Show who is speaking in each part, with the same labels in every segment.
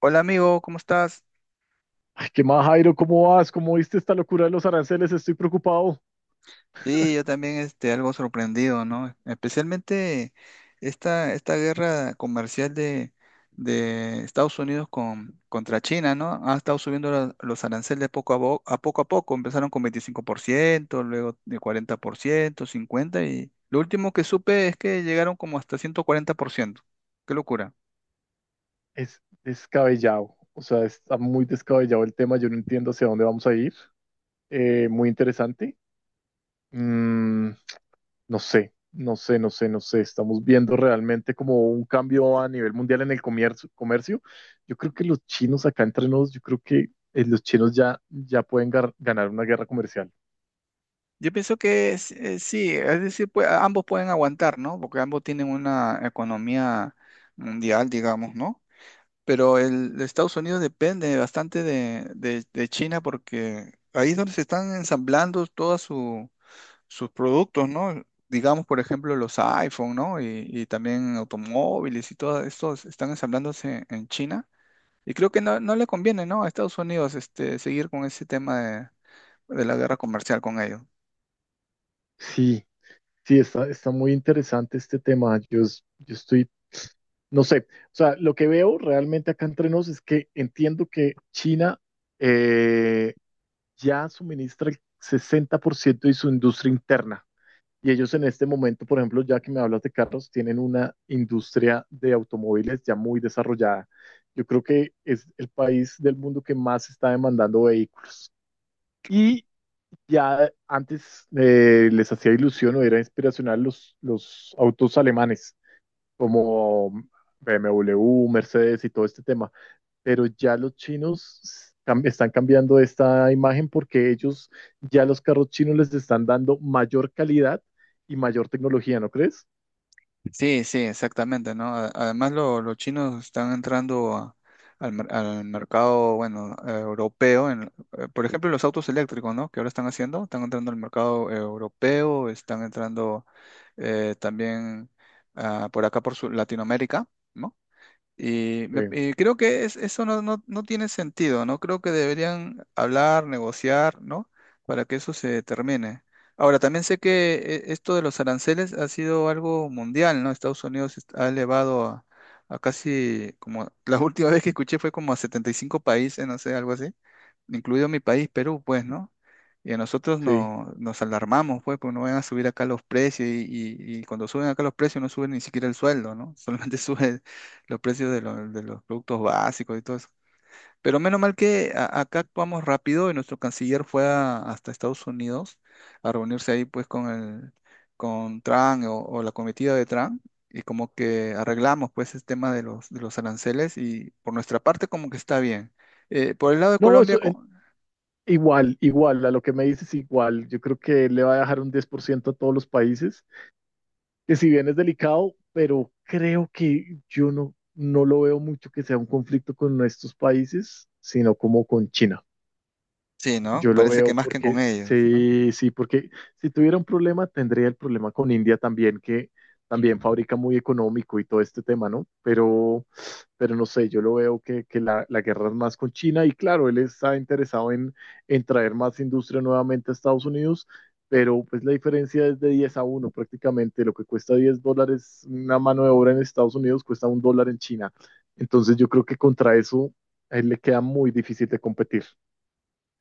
Speaker 1: Hola amigo, ¿cómo estás?
Speaker 2: Ay, ¿qué más, Jairo? ¿Cómo vas? ¿Cómo viste esta locura de los aranceles? Estoy preocupado.
Speaker 1: Sí, yo también algo sorprendido, ¿no? Especialmente esta guerra comercial de Estados Unidos contra China, ¿no? Ha estado subiendo los aranceles poco a poco. Empezaron con 25%, luego de 40%, 50%, y lo último que supe es que llegaron como hasta 140%. Qué locura.
Speaker 2: Es descabellado. O sea, está muy descabellado el tema. Yo no entiendo hacia dónde vamos a ir. Muy interesante. Mm, no sé, no sé, no sé, no sé. Estamos viendo realmente como un cambio a nivel mundial en el comercio. Yo creo que los chinos acá entre nos, yo creo que los chinos ya pueden ganar una guerra comercial.
Speaker 1: Yo pienso que sí, es decir, pues, ambos pueden aguantar, ¿no? Porque ambos tienen una economía mundial, digamos, ¿no? Pero el de Estados Unidos depende bastante de China porque ahí es donde se están ensamblando sus productos, ¿no? Digamos, por ejemplo, los iPhone, ¿no? Y también automóviles y todo esto se están ensamblándose en China. Y creo que no le conviene, ¿no? A Estados Unidos seguir con ese tema de la guerra comercial con ellos.
Speaker 2: Sí, sí, está, está muy interesante este tema. Yo estoy, no sé, o sea, lo que veo realmente acá entre nos es que entiendo que China eh, ya suministra el 60% de su industria interna. Y ellos en este momento, por ejemplo, ya que me hablas de carros, tienen una industria de automóviles ya muy desarrollada. Yo creo que es el país del mundo que más está demandando vehículos. Y ya antes les hacía ilusión o era inspiracional los autos alemanes, como BMW, Mercedes y todo este tema, pero ya los chinos están cambiando esta imagen porque ellos ya los carros chinos les están dando mayor calidad y mayor tecnología, ¿no crees?
Speaker 1: Sí, sí, exactamente, ¿no? Además, los chinos están entrando al mercado, bueno, europeo. Por ejemplo, los autos eléctricos, ¿no? Que ahora están haciendo, están entrando al mercado europeo, están entrando también por acá, Latinoamérica, ¿no? Y,
Speaker 2: Sí,
Speaker 1: y creo que eso no tiene sentido, ¿no? Creo que deberían hablar, negociar, ¿no? Para que eso se termine. Ahora, también sé que esto de los aranceles ha sido algo mundial, ¿no? Ha elevado a casi, como la última vez que escuché fue como a 75 países, no sé, algo así, incluido mi país, Perú, pues, ¿no? Y a nosotros
Speaker 2: sí.
Speaker 1: no, nos alarmamos, pues, porque no van a subir acá los precios y cuando suben acá los precios no suben ni siquiera el sueldo, ¿no? Solamente sube los precios de los productos básicos y todo eso. Pero menos mal que acá actuamos rápido y nuestro canciller fue hasta Estados Unidos a reunirse ahí pues con el con Trump o la comitiva de Trump y como que arreglamos pues el tema de los aranceles y por nuestra parte como que está bien. Por el lado de
Speaker 2: No,
Speaker 1: Colombia,
Speaker 2: igual, igual, a lo que me dices igual, yo creo que le va a dejar un 10% a todos los países que si bien es delicado, pero creo que yo no, no lo veo mucho que sea un conflicto con estos países, sino como con China.
Speaker 1: sí, ¿no?
Speaker 2: Yo lo
Speaker 1: Parece que
Speaker 2: veo
Speaker 1: más que con
Speaker 2: porque,
Speaker 1: ellos, ¿no?
Speaker 2: sí, sí, porque si tuviera un problema, tendría el problema con India también, que también fabrica muy económico y todo este tema, ¿no? Pero no sé, yo lo veo que la guerra es más con China y claro, él está interesado en traer más industria nuevamente a Estados Unidos, pero pues la diferencia es de 10 a uno prácticamente, lo que cuesta 10 dólares una mano de obra en Estados Unidos cuesta un dólar en China. Entonces yo creo que contra eso a él le queda muy difícil de competir.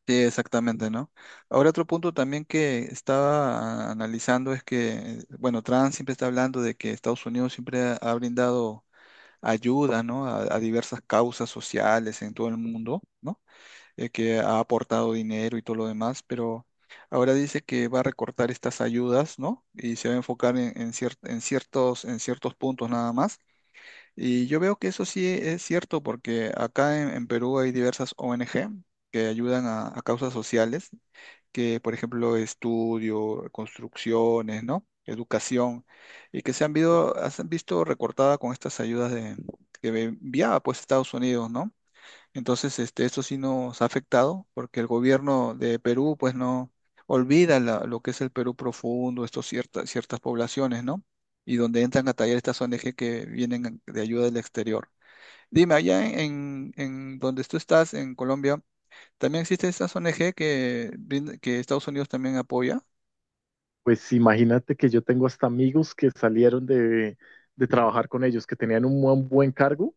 Speaker 1: Sí, exactamente, ¿no? Ahora otro punto también que estaba analizando es que, bueno, Trump siempre está hablando de que Estados Unidos siempre ha brindado ayuda, ¿no? A diversas causas sociales en todo el mundo, ¿no? Que ha aportado dinero y todo lo demás, pero ahora dice que va a recortar estas ayudas, ¿no? Y se va a enfocar en ciertos puntos nada más y yo veo que eso sí es cierto, porque acá en Perú hay diversas ONG que ayudan a causas sociales, que por ejemplo estudio, construcciones, ¿no? Educación, y que se han visto recortada con estas ayudas de, que enviaba pues Estados Unidos, ¿no? Entonces, esto sí nos ha afectado porque el gobierno de Perú, pues no olvida lo que es el Perú profundo, estos ciertas, ciertas poblaciones, ¿no? Y donde entran a tallar estas ONG que vienen de ayuda del exterior. Dime, allá en donde tú estás, en Colombia, ¿también existen estas ONG que, que Estados Unidos también apoya?
Speaker 2: Pues imagínate que yo tengo hasta amigos que salieron de trabajar con ellos, que tenían un buen, buen cargo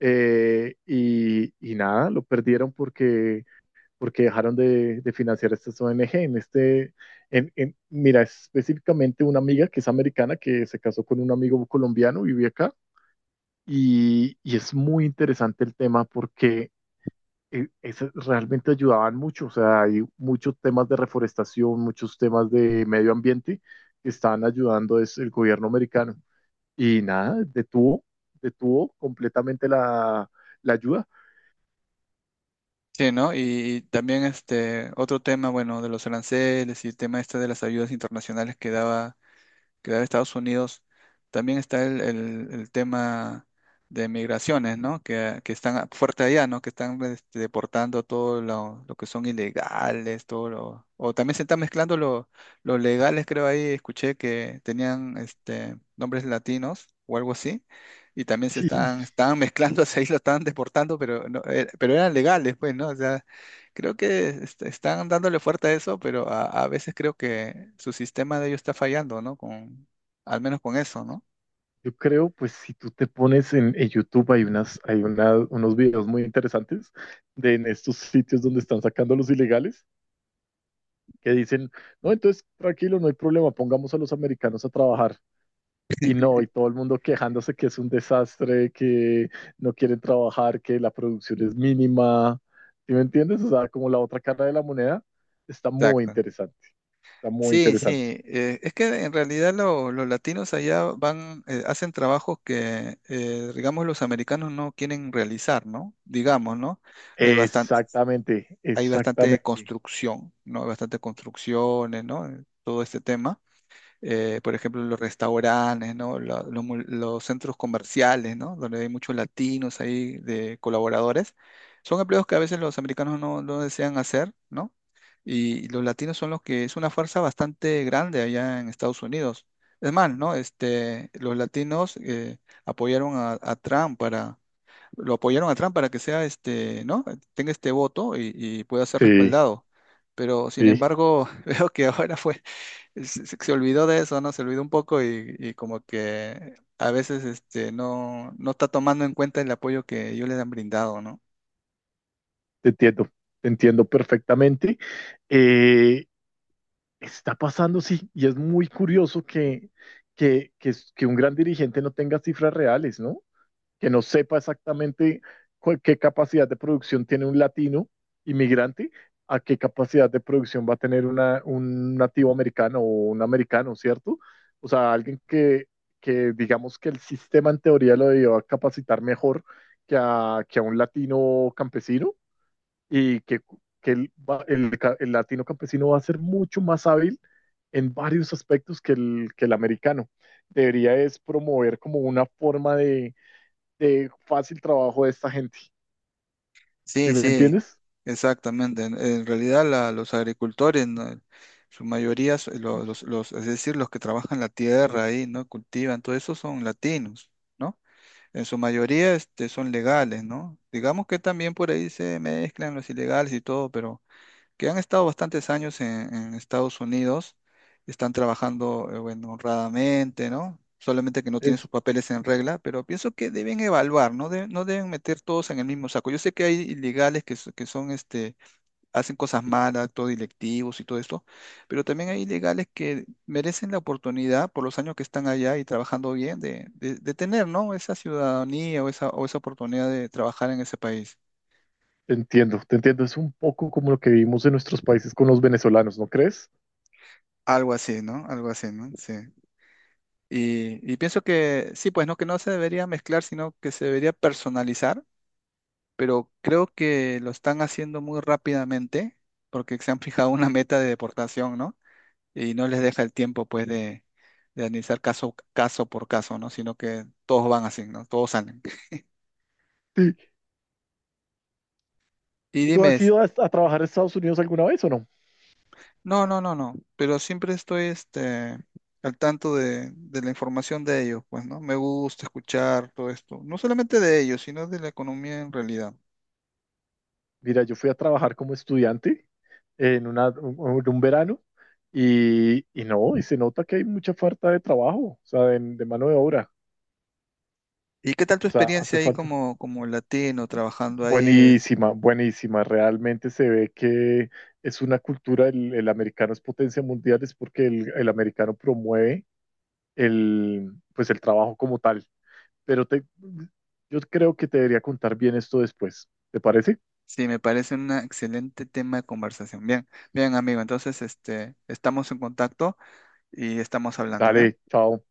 Speaker 2: y nada, lo perdieron porque, porque dejaron de financiar estas ONG. En este, en- Mira, específicamente una amiga que es americana que se casó con un amigo colombiano, vive acá y es muy interesante el tema porque eso realmente ayudaban mucho. O sea, hay muchos temas de reforestación, muchos temas de medio ambiente que están ayudando es el gobierno americano. Y nada, detuvo, detuvo completamente la, la ayuda.
Speaker 1: Sí, ¿no? Y también este otro tema, bueno, de los aranceles y el tema este de las ayudas internacionales que daba que da de Estados Unidos también está el tema de migraciones, ¿no? Que están fuerte allá, ¿no? Que están deportando lo que son ilegales, todo lo... O también se están mezclando los legales, creo ahí, escuché que tenían nombres latinos o algo así, y también
Speaker 2: Y
Speaker 1: estaban mezclando, ahí lo estaban deportando, pero, no, pero eran legales, pues, ¿no? O sea, creo que están dándole fuerte a eso, pero a veces creo que su sistema de ellos está fallando, ¿no? Con, al menos con eso, ¿no?
Speaker 2: yo creo, pues si tú te pones en YouTube, hay, unas, unos videos muy interesantes de en estos sitios donde están sacando a los ilegales que dicen, no, entonces tranquilo, no hay problema, pongamos a los americanos a trabajar. Y no, y todo el mundo quejándose que es un desastre, que no quieren trabajar, que la producción es mínima. ¿Sí me entiendes? O sea, como la otra cara de la moneda, está muy
Speaker 1: Exacto.
Speaker 2: interesante. Está muy
Speaker 1: Sí, sí.
Speaker 2: interesante.
Speaker 1: Es que en realidad los latinos allá van, hacen trabajos que, digamos, los americanos no quieren realizar, ¿no? Digamos, ¿no? Hay bastante,
Speaker 2: Exactamente,
Speaker 1: hay bastante
Speaker 2: exactamente.
Speaker 1: construcción, ¿no? Hay bastante construcciones, ¿no? Todo este tema. Por ejemplo, los restaurantes, ¿no? Los centros comerciales, ¿no? Donde hay muchos latinos ahí de colaboradores. Son empleos que a veces los americanos no desean hacer, ¿no? Y los latinos son los que es una fuerza bastante grande allá en Estados Unidos. Es más, ¿no? Los latinos apoyaron a Trump para, lo apoyaron a Trump para que sea ¿no? Tenga este voto y pueda ser
Speaker 2: Sí,
Speaker 1: respaldado. Pero sin
Speaker 2: sí,
Speaker 1: embargo, veo que ahora fue se olvidó de eso, ¿no? Se olvidó un poco y como que a veces no, no está tomando en cuenta el apoyo que ellos les han brindado, ¿no?
Speaker 2: te entiendo, te entiendo perfectamente. Eh, Está pasando, sí, y es muy curioso que un gran dirigente no tenga cifras reales, ¿no? Que no sepa exactamente qué capacidad de producción tiene un latino inmigrante, a qué capacidad de producción va a tener un nativo americano o un americano, ¿cierto? O sea, alguien que digamos que el sistema en teoría lo debió capacitar mejor que a un latino campesino y que el latino campesino va a ser mucho más hábil en varios aspectos que el americano. Debería es promover como una forma de fácil trabajo de esta gente. ¿Sí
Speaker 1: Sí,
Speaker 2: me
Speaker 1: sí,
Speaker 2: entiendes?
Speaker 1: exactamente. En realidad los agricultores, ¿no? Su mayoría, es decir, los que trabajan la tierra ahí, ¿no? Cultivan, todo eso son latinos, ¿no? En su mayoría, son legales, ¿no? Digamos que también por ahí se mezclan los ilegales y todo, pero que han estado bastantes años en Estados Unidos, están trabajando, bueno, honradamente, ¿no? Solamente que no tienen
Speaker 2: Es,
Speaker 1: sus papeles en regla, pero pienso que deben evaluar, no, no deben meter todos en el mismo saco. Yo sé que hay ilegales que, que son, hacen cosas malas, todo directivos y todo esto, pero también hay ilegales que merecen la oportunidad por los años que están allá y trabajando bien de tener, ¿no? Esa ciudadanía o esa oportunidad de trabajar en ese país.
Speaker 2: Te entiendo, te entiendo. Es un poco como lo que vivimos en nuestros países con los venezolanos, ¿no crees?
Speaker 1: Algo así, ¿no? Algo así, ¿no? Sí. Y pienso que sí, pues no, que no se debería mezclar, sino que se debería personalizar, pero creo que lo están haciendo muy rápidamente porque se han fijado una meta de deportación, ¿no? Y no les deja el tiempo, pues, de analizar caso, caso por caso, ¿no? Sino que todos van así, ¿no? Todos salen.
Speaker 2: Sí.
Speaker 1: Y
Speaker 2: ¿Tú
Speaker 1: dime,
Speaker 2: has ido a trabajar a Estados Unidos alguna vez o no?
Speaker 1: no, no, no, no, pero siempre estoy, al tanto de la información de ellos, pues, ¿no? Me gusta escuchar todo esto, no solamente de ellos, sino de la economía en realidad.
Speaker 2: Mira, yo fui a trabajar como estudiante en, una, un verano y no, y se nota que hay mucha falta de trabajo, o sea, de mano de obra.
Speaker 1: ¿Y qué tal tu
Speaker 2: O sea,
Speaker 1: experiencia
Speaker 2: hace
Speaker 1: ahí
Speaker 2: falta.
Speaker 1: como, como latino trabajando ahí?
Speaker 2: Buenísima, buenísima. Realmente se ve que es una cultura, el americano es potencia mundial, es porque el americano promueve el, pues el trabajo como tal. Pero yo creo que te debería contar bien esto después. ¿Te parece?
Speaker 1: Sí, me parece un excelente tema de conversación. Bien, bien, amigo. Entonces, estamos en contacto y estamos hablando, ¿bien?
Speaker 2: Dale, chao.